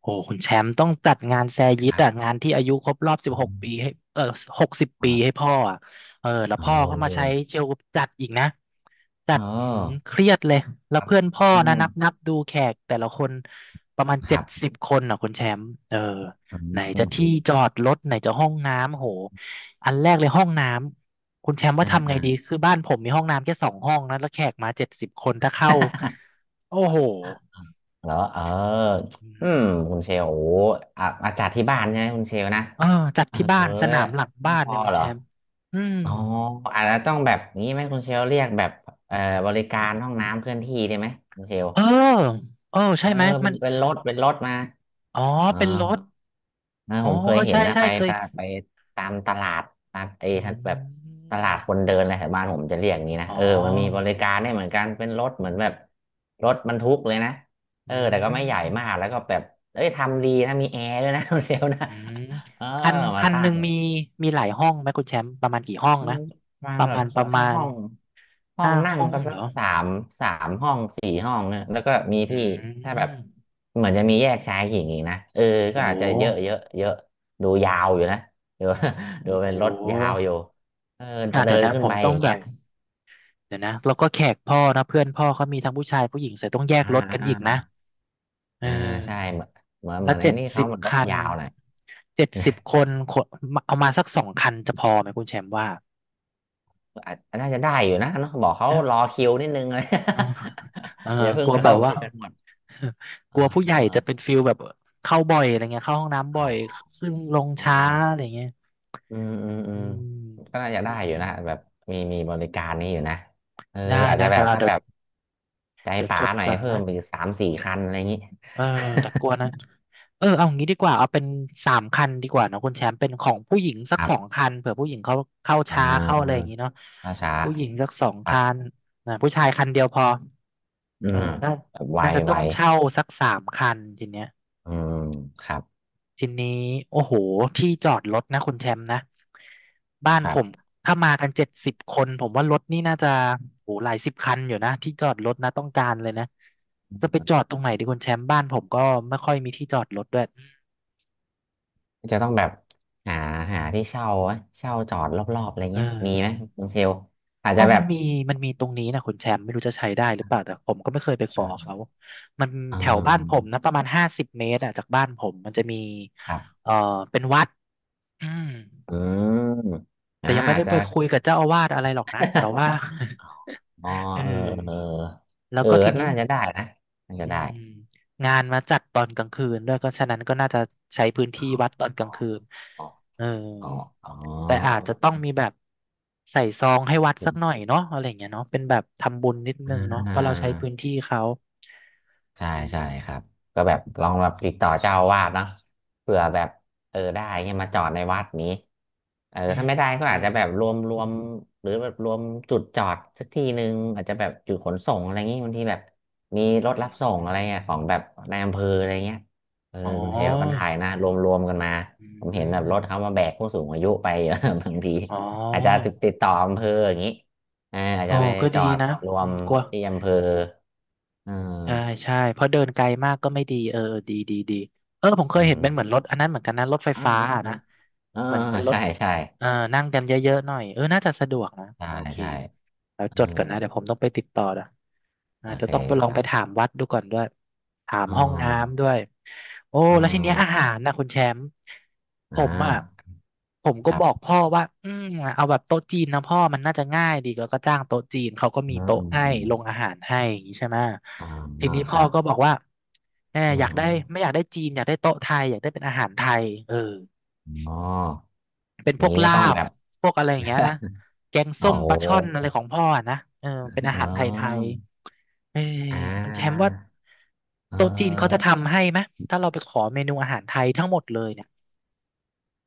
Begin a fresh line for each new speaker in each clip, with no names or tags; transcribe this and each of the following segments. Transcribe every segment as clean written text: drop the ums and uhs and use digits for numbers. โอ้คุณแชมป์ต้องจัดงานแซยิ
ค
ต
รั
อ่ะ
บ
งานที่อายุครบรอบสิบหก
อื
ปี
ม
ให้เออหกสิบ
อ๋อ
ปีให้พ่ออ่ะเออแล้ว
โอ
พ่อก็มาใช้
้
เชลจัดอีกนะจั
เ
ดอื้อหือ
ออ
เครียดเลยแล้
ค
ว
รับ
เพื่อนพ่อ
อื
นะ
ม
นับนับดูแขกแต่ละคนประมาณ
ค
เจ็
รั
ด
บ
สิบคนอ่ะคุณแชมป์เออ
อืม
ไหนจะ
โห
ที่จอดรถไหนจะห้องน้ำโหอันแรกเลยห้องน้ำคุณแชมป์ว่า
อ่า
ทำไงดีคือบ้านผมมีห้องน้ำแค่2 ห้องนะแล้วแขกมาเจ็ดสิบคนถ้าเข้าโอ้โห
เหรอเอออืมคุณเชลโอ้โหอ่ะอาจัดที่บ้านใช่ไหมคุณเชลนะ
เออจัด
เอ
ที่บ้านสนา
อ
มหลังบ้า
ไม่
น
พ
เนี่
อ
ยคุณ
เหร
แช
อ
มป์อืม
อ๋ออาจจะต้องแบบนี้ไหมคุณเชลเรียกแบบเอ่อบริการห้องน้ำเคลื่อนที่ได้ไหมคุณเชล
เออเออ
เอ
ใช่
อ
ไหม
เป็
มั
น
น
เป็นรถเป็นรถมา
อ๋อ
อ๋อ
เป็นรถ
นะ
อ๋อ
ผมเค
เอ
ย
อ
เห็
ใช่
นนะ
ใช่
ไป
เคย
ไปไปตามตลาดนะไอ้
อ
แบบ
ื
ตลาดคน
ม
เดินอะไรแถวบ้านผมจะเรียกอย่างนี้นะ
อ๋อ
เออมันมีบริการได้เหมือนกันเป็นรถเหมือนแบบรถบรรทุกเลยนะเอ
อื
อแต่ก็ไม่ใหญ่มาก
ม
แล้วก็แบบเอ้ยทำดีนะมีแอร์ด้วยนะ เซลนะ
อืม
เออ
คัน
มา
คัน
ตั้
หนึ่ง
ง
มีมีหลายห้องไหมคุณแชมป์ประมาณกี่ห้อง
อื
นะ
มประมาณ
ประ
แบ
มา
บ
ณประ
ถ้า
มาณ
ห้อ
ห้า
งนั่ง
ห้อง
ก็สั
เหร
ก
อ
สามสามห้องสี่ห้องเนี่ยแล้วก็มี
อื
ที่ถ้าแบบ
ม
เหมือนจะมีแยกชายหญิงอีกนะเออก็
โอ้
อาจจะเยอะเยอะเยอะดูยาวอยู่นะดู ดู
โอ้
เป็นรถยาวอยู่เออ
อ่ะ
เดิ
เดี๋ยว
น
นะ
ขึ้
ผ
น
ม
ไป
ต้อ
อ
ง
ย่าง
แบ
เงี้ย
บเดี๋ยวนะแล้วก็แขกพ่อนะเพื่อนพ่อเขามีทั้งผู้ชายผู้หญิงเสร็จต้องแยก
อ่า
รถกัน
อ่า
อีกนะเออ
อ่าใช่เหมือนเหมือนเห
แล้
มือ
ว
นไอ้
เจ็ด
นี่
สิ
เขา
บ
เหมือนรถ
คัน
ยาวหน่อย
เจ็ดสิบคนขนเอามาสักสองคันจะพอไหมคุณแชมป์ว่า
อาจน่าจะได้อยู่นะเนาะบอกเขา
นะ
รอคิวนิดนึงเลย
เออเออ
อย่าเพิ่
ก
ง
ลัวแบ
เข้า
บ
ไป
ว่า
กันหมด
ก
อ่
ลัวผู้ใหญ่จะ
า
เป็นฟิลแบบเข้าบ่อยอะไรเงี้ยเข้าห้องน้ำ
เอ
บ่อย
า
ขึ้นลง
อ๋อ
ช้าอะไรเงี้ย
อืมอืมอื
อื
มก็
ม
น่าจะได้อยู่นะแบบมีบริการนี้อยู่นะเออ
ได้
อาจ
นะ
จะแบ
เดี๋ย
บ
วเรา
ถ้า
เดี๋ย
แบ
ว
บใจ
เดี๋ยวจ
ป๋า
ด
หน่อย
ก่อน
เพิ่
นะ
มไปอีกสามสี่คันอะไรอย่างนี้
เออแต่กลัวนะเออเอางี้ดีกว่าเอาเป็นสามคันดีกว่าเนอะคุณแชมป์เป็นของผู้หญิงสั
ค
ก
รั
สอง
บ
คันเผื่อผู้หญิงเขาเข้า
อ่
ช้าเข้าอะไรอย่า
า
งงี้เนาะ
ช้าช้า
ผู้หญิงสักสอง
ครับ
คันนะผู้ชายคันเดียวพอ
อื
เอ
ม
อน่า
แบบไว
น่าจะต้
ไว
องเช่าสักสามคันทีเนี้ย
อืมครับ
ทีนี้โอ้โหที่จอดรถนะคุณแชมป์นะบ้าน
ค
ผ
รั
ม
บ
ถ้ามากันเจ็ดสิบคนผมว่ารถนี่น่าจะโอ้โหหลายสิบคันอยู่นะที่จอดรถนะต้องการเลยนะจะไปจอดตรงไหนดีคุณแชมป์บ้านผมก็ไม่ค่อยมีที่จอดรถด้วย
จะต้องแบบหาหาที่เช่าไหมเช่าจอดรอบๆอะไร
เอ
เงี้ยมีไหม
อ
คุณเชลอาจ
อ๋อ
จะแบ
มัน
บ
มีมันมีตรงนี้นะคุณแชมป์ไม่รู้จะใช้ได้หรือเปล่าแต่ผมก็ไม่เคยไปขอเขา มัน
อื
แถว
ม
บ้านผมนะประมาณ50 เมตรอะจากบ้านผมมันจะมี
ครับ
เอ่อเป็นวัดอืม
อืม
แต่
อ่า
ยังไม่
อา
ได้
จจะ
ไปคุยกับเจ้าอาวาสอะไรหรอกนะแต่ว่า
อ๋อ
เอ
เออ
อ
เออ
แล้
เอ
ว
อ
ก็
เอ
ที
อ
นี้
น่าจะได้นะน่าจะ
อื
ได้
มงานมาจัดตอนกลางคืนด้วยก็ฉะนั้นก็น่าจะใช้พื้น
อ๋
ที่วัดต
อ
อนกลางคืน
อ๋อ
เออ
อ๋ออ๋อ
แต่อาจจะต้องมีแบบใส่ซองให้วัดสักหน่อยเนาะอะไรอย่างเงี้ยเนาะเป็นแบบทำบุญนิด
อ
นึงเนาะเพ
่า
ราะเราใช้พื้นที่เขา
ใช่
อื
ใช่ครับ
ม
ก็แบบลองแบบติดต่อเจ้าอาวาสเนาะเผื่อแบบเออได้เงี้ยมาจอดในวัดนี้เออ
อื
ถ้า
ม
ไม่ได้ก็
ใช่
อาจจะแบบรวมหรือแบบรวมจุดจอดสักที่หนึ่งอาจจะแบบจุดขนส่งอะไรเงงี้ยบางทีแบบมีรถ
อื
รับส่งอะไร
ม
เงี้ยของแบบนายอำเภออะไรเงี้ยเออ
อ๋อ
คุณเชลก็ได้นะรวมรวมกันมา
อื
ผมเห็นแบบ
ม
รถเขามาแบกผู้สูงอายุไปเยอะ บางที
อ๋
อาจจะติ
อ
ดติดต่ออำเภออย่างนี้เอออาจ
โอ้
จะไป
ก็
จ
ดี
อด
นะ
รว
อื
ม
มกลัว
ที่อำเภอเอ
ใช่
อ
ใช่เพราะเดินไกลมากก็ไม่ดีเออดีดีดีเออผมเค
อื
ยเห็นเป็น
ม
เหมือนรถอันนั้นเหมือนกันนะรถไฟ
อ่า
ฟ้า
อ่า
อะ
อ่า
นะ
เออ
เหมือนเป็นรถ
ใช่ใช่
เออนั่งกันเยอะๆหน่อยเออน่าจะสะดวกนะ
ใช่
โอเค
ใช่
แล้ว
เออ
จดก่อนนะเดี๋ยวผมต้องไปติดต่อนะ
โอ
อาจจะ
เค
ต้องไปลอ
ค
ง
รั
ไป
บ
ถามวัดดูก่อนด้วยถาม
อ๋อ
ห้องน้ำด้วยโอ้
อ๋อ
แล้วทีเนี้ยอาหารนะคุณแชมป์ผ
อ่
มอ่ะ
า
ผมก็
ครั
บอก
บ
พ่อว่าอืมเอาแบบโต๊ะจีนนะพ่อมันน่าจะง่ายดีแล้วก็จ้างโต๊ะจีนเขาก็มี
เนอะ
โต๊ะ
อืม
ให้
อืม
ลงอาหารให้อย่างนี้ใช่ไหม
อ่า
ที
เนอะ
นี้
ค
พ่อ
รับ
ก็บอกว่าแหม
อื
อยากได้ไม่
ม
อยากได้จีนอยากได้โต๊ะไทยอยากได้เป็นอาหารไทยเออ
อมอ๋อ
เป็น
อ
พ
ย่าง
วก
นี้ก็
ลา
ต้อง
บ
แบบ
พวกอะไรอย่างเงี้ยนะ แกง
โอ้
ส้ม
โห
ปลาช่อนอะไรของพ่ออะนะเออเป็นอา
อ๋
หารไทย
อ
ๆเออ
อ่
มันแชมป์
า
ว่า
เ
โต๊ะจีนเขาจะ
ออ
ทำให้ไหม ถ้าเราไปขอเมนูอาหารไทยทั้งหมดเลยเนี่ย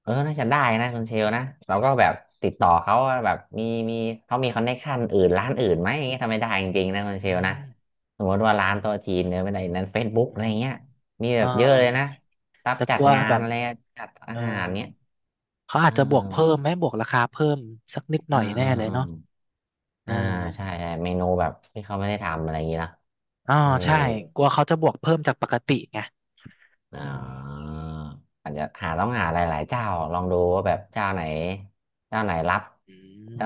เออ น่าจะได้นะคุณเชลนะเราก็แบบติดต่อเขาว่าแบบมีเขามีคอนเน็กชันอื่นร้านอื่นไหมอย่างเงี้ยทำไม่ได้จริงๆ
อื
นะคุณเชลนะ
ม
สมมติว่าร้านโตัวจีนเนี่ยไม่ได้นั้นเฟซบุ๊ก
อื
อะไร
ม
เงี้ยมี
เอ
แบบเยอะเลยนะ
อ
รับ
แต่
จั
ก
ด
ลัว
งา
แบ
น
บ
อะไรจัดอา
เออ
หารเนี้ย
เขา
เอ
อาจ
อ
จะบวกเพิ่มไหมบวกราคาเพิ่มสักนิดห
เอ
น่
อ
อย
เอ
แน่
อเอ
เล
อ
ย
เอ
เนาะ
อ
เออ
อ่าใช่ใช่เมนูแบบที่เขาไม่ได้ทำอะไรอย่างเงี้ยเนอะ
อ๋อ
เออ
ใช่กลัวเขาจะบวกเพิ่มจากปกติไง
อ่
อืม
าอาจจะหาต้องหาหลายๆเจ้าลองดูว่าแบบเจ้าไหนเจ้าไหนรับ
อื
เจ้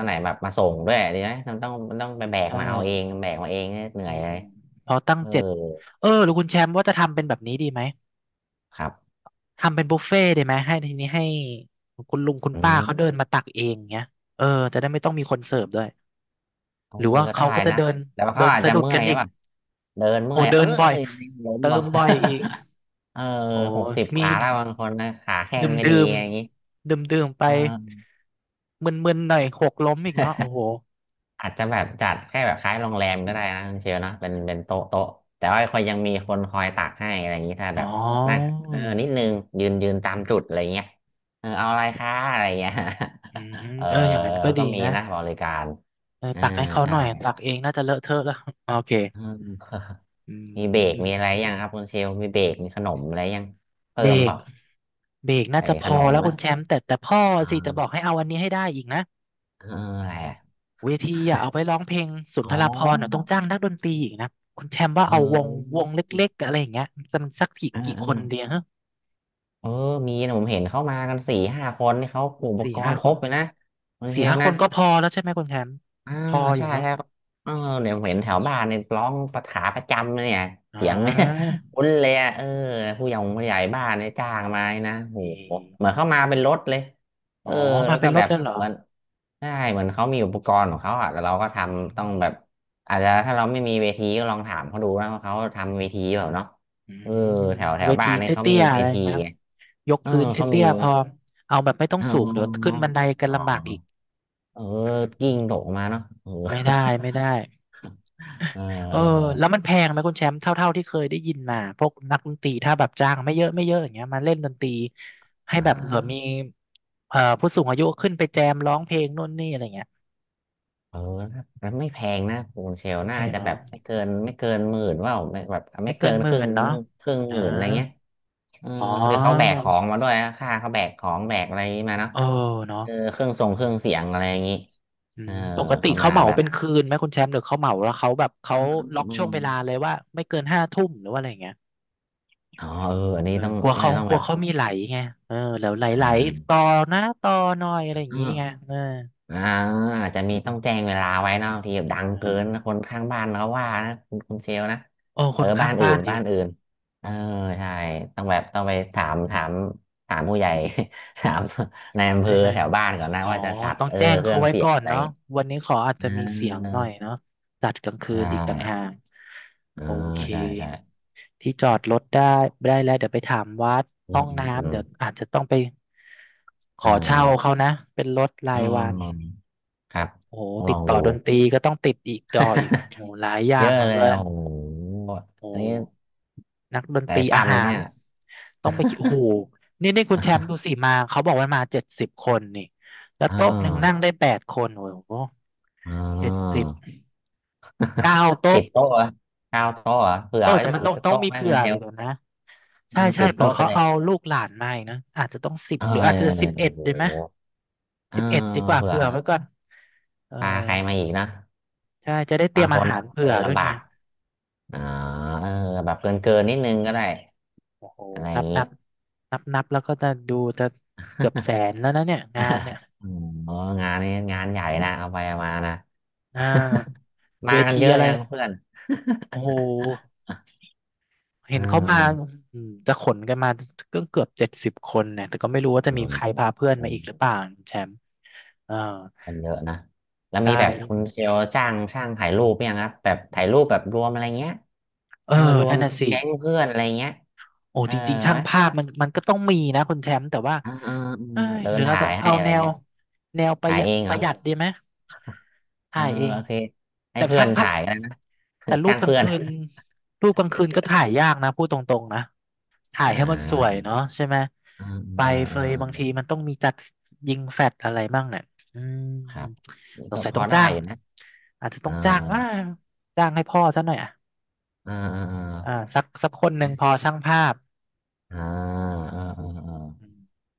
ม
ไหนแบบมาส่งด้วยดีไหมมันต้องไปแบก
ใช่
มาเอาเองแบกมาเองเนี่ยเหนื่
อื
อยเล
ม
ย
เราตั้ง
เออ
เจ็ดเออหรือคุณแชมป์ว่าจะทำเป็นแบบนี้ดีไหม
ครับ
ทำเป็นบุฟเฟ่ต์ดีไหมให้ทีนี้ให้คุณลุงคุณ
อื
ป้า
ม
เขาเดินมาตักเองเงี้ยเออจะได้ไม่ต้องมีคนเสิร์ฟด้วย
เออ
หรือว่า
ก็ได้
เขาก็จะ
นะ
เดิน
แต่ว่า
เดิ
เขา
น
อาจ
สะ
จะ
ดุด
เมื่อ
กั
ย
น
หรื
อี
อ
ก
เปล่ะเดินเมื่
โอ้
อย
เดิ
เอ
นบ่อย
ยล้ม
เติ
ว่ะ
มบ่อยอีก
เออ
โอ้
60ก
มี
ว่าแล้วบางคนนะขาแข้
ดื่
ง
ม
ไม่
ดื่
ดี
ม
อะไรอย่างงี้
ดื่มดื่มๆไป
เออ
มึนมึนหน่อยหกล้มอีกเนาะโอ้โห
อาจจะแบบจัดแค่แบบคล้ายโรงแรมก็ได้นะคุณเชลเนาะเป็นเป็นโต๊ะโต๊ะแต่ว่าคอยยังมีคนคอยตักให้อะไรอย่างนี้ถ้า
อ๋
แบบ
อ
นั่งเออนิดนึงยืนตามจุดอะไรเงี้ยเออเอาอะไรคะอะไรเงี้ย
อืม
เออ
เอออย่างนั้นก็
แล้ว
ดี
ก็มี
นะ
นะบริการ
เออ
อ่า
ตักให้เขาห
ใช่
น่อยตักเองน่าจะเลอะเทอะแล้วโอเค
เออ
อื
มีเบรกมี
ม
อะไรยังครับคุณเชลมีเบรกมีขนมอะไรยังเพิ่
เบร
มเป
ก
ล่า
เบรกน่า
ไอ้
จะพ
ข
อ
นม
แล้ว
นะ
คุณแชมป์แต่พ่อ
อ
สิจะบอก
่า
ให้เอาอันนี้ให้ได้อีกนะ
เอออะไรอะ
เวทีอ่ะเอาไปร้องเพลงสุน
อ๋อ
ทรภรณ์อ่ะต้องจ้างนักดนตรีอีกนะคุณแชมป์ว่า
เ
เอาวงว
ออ
งเล็กๆอะไรอย่างเงี้ยจะมันสักกี่
เออ
กี่
เออ
คนเดียวฮะ
เออมีนะผมเห็นเข้ามากันสี่ห้าคนนี่เขาอุป
สี่
กร
ห้า
ณ์ค
ค
ร
น
บเลยนะคุณเช
สี่
ล
ห้าค
นะ
นก็พอแล้วใช่ไหมคุณแชมป์
อ่า
พออยู่
ใช่
เนาะ
ใช่เออเดี๋ยวผมเห็นแถวบ้านเนี่ยร้องประขาประจำเลยเนี่ย
อ่
เสียงเนี่ย
า
คุ้นเลยอะเออผู้ใหญ่บ้านเนี่ยจ้างมานะโห
เอ
เหมือ
อ
นเข้ามาเป็นรถเลยเอ
อ๋อ
อ
มา
แล้ว
เป็
ก็
นร
แบ
ถ
บ
แล้วเหรอ
เหมือนใช่เหมือนเขามีอุปกรณ์ของเขาอะแล้วเราก็ท
อืม
ำต้องแบบอาจจะถ้าเราไม่มีเวทีก็ลองถามเขาดูนะว่าเขาทำเวทีแบบเปล่าเนาะ
อื
เออ
ม
แถวแถ
เว
วบ้า
ที
นเนี่ยเขา
เตี้
มี
ยๆอะ
เว
ไรอย่า
ที
งเงี้ย
ไง
ยก
เออ
พื้น
เขา
เตี้
มี
ยๆพอเอาแบบไม่ต้อง
อ๋
สูงเดี๋ยวขึ้
อ
นบันไดกัน
อ๋อ
ลำบากอีก
เออ
อื
กิ้ง
ม
ตกมาเนาะเออ
ไม่ได้ไม่ ได้
เออ
เออแล้ว
เออ
มันแพงไหมคุณแชมป์เท่าที่เคยได้ยินมาพวกนักดนตรีถ้าแบบจ้างไม่เยอะอย่างเงี้ยมาเล่นดนตรีให้
อ่
แบบเผื่อมี
า
ผู้สูงอายุขึ้นไปแจมร้องเพลงนู่นนี่อะไรเงี้ย
เออแล้วไม่แพงนะปูนเชล
แพ
น่า
ง
จะ
เหร
แบ
อ
บไม่เกินหมื่นว่าไม่แบบ
ไม่
ไม่
เกิ
เกิ
น
น
ห
ค
มื่
รึ่
น
ง
เนาะ
ครึ่งห
อ่า
มื่นอะไรเงี้ยเออ
อ๋อ
เดี๋ยวเขาแบกของมาด้วยนะค่าเขาแบกของแบกอะไรมาเนาะ
เออเนาะ
เออเครื่องทรงเครื่องเสียงอะไรอย่างงี้
อื
เออ
มปกติ
เขา
เขา
มา
เหมา
แบบ
เป็นคืนไหมคุณแชมป์หรือเขาเหมาแล้วเขา
อืมอืม
ล็
อื
อกช่วง
ม
เวลาเลยว่าไม่เกินห้าทุ่มหรือว่าอะไรอย่างเงี้ย
อ๋อเอออันนี้
เออ
ต้อง
กลัว
ไม่
เขา
ต้อง
ก
แบ
ลัว
บ
เขามีไหลไงเออแล้วไหล
อ่
ไหล
า
ต่อนะต่อหน่อยอะไรอย่างงี้ไงเออ
อ่าอาจจะมีต้องแจ้งเวลาไว้นะบางทีแบบดังเกิ
เออ
นนะคนข้างบ้านเขาว่านะคุณเชลนะ
โอ้ค
เออ
นข้า
บ้า
ง
นอื่
บ้า
น
นอี
บ้า
ก
นอื่นเออใช่ต้องแบบต้องไปถามผู้ใหญ่ ถามในายอำเภ
ใช่
อ
ไหม
แถวบ้านก่อนนะ
อ๋อ
ว่าจะสัต
ต้
ว์
อง
เออ
แจ้ง
เครื่
เขา
อง
ไว้
เสีย
ก่
ง
อน
อะไรอย่า
เนาะ
งงี้
วันนี้ขออาจ
อ่
จะมีเสียงห
า
น่อยเนาะจัดกลางคื
ใช
นอีกต่างหา
่
ก
อ่า
โอเค
ใช่ใช่
ที่จอดรถได้ได้แล้วเดี๋ยวไปถามวัด
อื
ห้อ
ม
ง
อืมอื
น้ำ
ม
เดี๋ยวอาจจะต้องไปข
อ่
อเช่า
า
เขานะเป็นรถรา
อ
ยวัน
อครับ
โอ้โห
ต้อง
ติ
ลอ
ด
ง
ต่อ
ดู
ดนตรีก็ต้องติดอีกต่ออีก โอ้โหหลายอย่า
เย
ง
อะ
นน
เล
เล
ย
ย
โอ้โห
โอ
อันนี้
้ นักดน
ใจ
ตรีอา
ปั๊ม
หา
เนี่
ร
ย
ต้องไปกินโอ้โหนี่นี่คุณแชมป์ดู สิมาเขาบอกว่ามาเจ็ดสิบคนนี่แล้ว
อ่
โต๊ะหนึ่งนั่ง
า
ได้แปดคนโอ้โห
อ่
เจ็ด
า
สิบเก้า
สิ
โต๊ะ
บโต๊ะเหรอเก้าโต๊ะเหรอเผื่
เอ
อ
อ
ไว้
แต่
สัก
มัน
อี
ต้
ก
อง
สัก
ต้อง
โต๊ะ
มี
ไหม
เผื่
เงิ
อ
นเดีย
อี
ว
กอะนะใช่
สิบ
เผื่อ
โต๊ะไป
เขา
เลย
เอาลูกหลานมาอีกนะอาจจะต้องสิบ
เออ
หรืออาจ
เอ
จะ
อเอ
สิ
อ
บ
โอ้
เอ็ด
โห
ดีไหม
เออ
สิบเอ็ดดีกว่า
เผื่อ
เผื่อไว้ก่อนเออ
พาใครมาอีกนะ
ใช่จะได้เตรี
บา
ย
ง
ม
ค
อา
น
หาร
อะเดิ
เผื่อ
น
ด้วย
ลำบา
ไง
กอ่าเออแบบเกินนิดนึงก็ได้
โอ้โห
อะไรอ
นั
ย่า
บ
งนี้
นับนับแล้วก็จะดูจะเกือบแสนแล้วนะเนี่ยงานเนี่ย
อ๋องานนี้งานใหญ่นะเอาไปเอามานะ
อ่า เว
มากัน
ที
เยอะ
อะไร
ยังเพื่อน
โอ้โห
เ
เห็นเขามา
ออ
อืมจะขนกันมาก็เกือบเจ็ดสิบคนเนี่ยแต่ก็ไม่รู้ว่าจะมีใครพาเพื่อน
เอ
มาอีกหรือ
อ
เปล่าแชมป์เอ่
มันเยอะนะแล้ว
ใช่
มีแบบคุณเชลจ้างช่างถ่ายรูปยังครับแบบถ่ายรูปแบบรวมอะไรเงี้ย
เออ
เออรว
นั่
ม
นน่ะสิ
แก๊งเพื่อนอะไรเงี้ย
โอ้
เออ
จริงๆช่า
ไห
ง
ม
ภาพมันก็ต้องมีนะคุณแชมป์แต่ว่า
อ่าอ่าอืม
เอ้ย
เดิ
หรื
น
อเรา
ถ่า
จะ
ยให้
เอา
อะไร
แนว
เงี้ย
แนวประ
ถ่า
ห
ย
ยัด
เอง
ป
เหรอ
ระหยัดดีไหม
เอ
ถ่า
อ
ยเอง
โอเคให้
แต่
เพื่อ
ช่าง
น
ภาพ
ถ่ายกันนะ
แต่ รู
จ้า
ป
ง
กลาง
เพื่อน
คืนรูปกลางคืนก็ถ่ายยากนะพูดตรงๆนะถ่าย
อ่
ให้มันสวย
า
เนาะใช่ไหม
อ่า
ไป
อ่า
เฟยบาง
อ่า
ทีมันต้องมีจัดยิงแฟลชอะไรบ้างเนี่ยอืม
ครับนี่
สง
ก็
สัย
พ
ต้
อ
อง
ได้
จ้าง
อยู่นะ
อาจจะต้
อ่า
องจ้างว่าจ้างให้พ่อซะหน่อยอ่ะ
อ่าอ่าอ่า
อ่าสักคนหนึ่งพอช่างภาพ
อ่าอ่าอ่า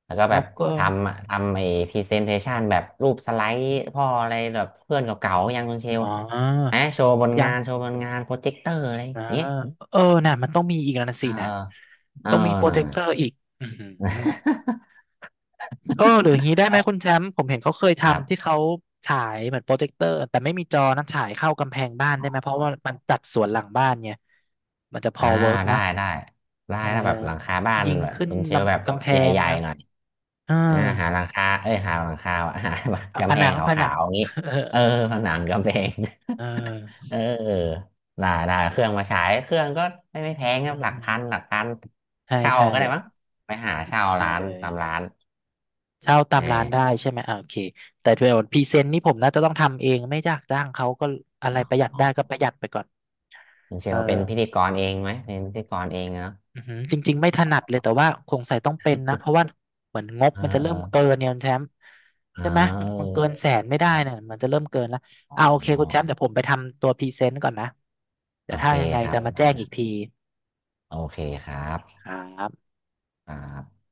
แล้วก็
แล้
แบ
ว
บ
ก็
ทำไอ้พรีเซนเทชันแบบรูปสไลด์พ่ออะไรแบบเพื่อนเก่าๆยังคุณเชล
อ๋อ
นะโชว์บน
ยั
งา
ง
นโชว์บนงานโปรเจคเตอร์อะไรอ
อ่า
ย่างเงี้ย
เออน่ะมันต้องมีอีกแล้วนะ
เอ
สิ
อ
นะ
เออ
ต้อง
เอ
มี
อ
โปร
น่ะ
เจคเตอร์อีกอือหือเออหรืออย่างนี้ได้ ไหม
เอา
คุณแชมป์ผมเห็นเขาเคย
ครั
ทำที่
บ
เขาฉายเหมือนโปรเจคเตอร์แต่ไม่มีจอนะฉายเข้ากำแพงบ้านได้ไหมเพราะว่ามันจัดสวนหลังบ้านไงมันจะพ
อ่า
อเวิร์กไหม
ได้ได้
เออ
ถ้าแบบหลังคาบ้าน
ยิง
แบบ
ขึ้น
คุณเชลแบบ
ลำกำแพ
ใ
ง
หญ่
นะ
ๆหน่อย
อ่า
อ่าหาหลังคาเอ้ยหาหลังคาว่ะ หา
อ่ะผ
กำแพ
นั
ง
ง
ข
ผนั
า
ง
วๆอย่างนี้
เออ
เออผนังกำแพง
เอ อ
เออได้เครื่องมาฉายเครื่องก็ไม่แพงค
อื
รับหลัก
ม
พันหลักพัน
ใช่
เช่า
ใช่
ก็ได้มั้ง
อ่ะ
ไปหาเช่า
เอ
ร้าน
อ
ตามร้าน
เช่าตา
เออ
มร้านได้ใช่ไหมอ่าโอเคแต่เดี๋ยวพรีเซนต์นี่ผมน่าจะต้องทำเองไม่จ้างเขาก็อะไรประหยัด
อ๋อ
ได้ก็ประหยัดไปก่อน
คุณเช
เอ
ลเป็นพิ
อ
ธีกรเองไหมเป็นพิธีกรเองเนาะ
อือหือจริงๆไม่ถนัดเลยแต่ว่าคงใส่ต้องเป็นนะเพราะว่าเหมือนงบ
เออ
มันจะ
เอ
เริ่
อ
มเกินเนี่ยคุณแชมป์
อ๋
ใช่
อ
ไหมมันเกินแสนไม่
เออ
ได้
ใช่
เนี่ยมันจะเริ่มเกินแล้วอ่าโอเค
อ๋อ
คุณแชมป์เดี๋ยวผมไปทำตัวพรีเซนต์ก่อนนะเดี๋
โอ
ยวถ้า
เค
ยังไง
ครั
จะ
บ
มา
ได้
แจ้ง
ค
อี
รั
ก
บ
ที
โอเคครับ
ครับ
ครับ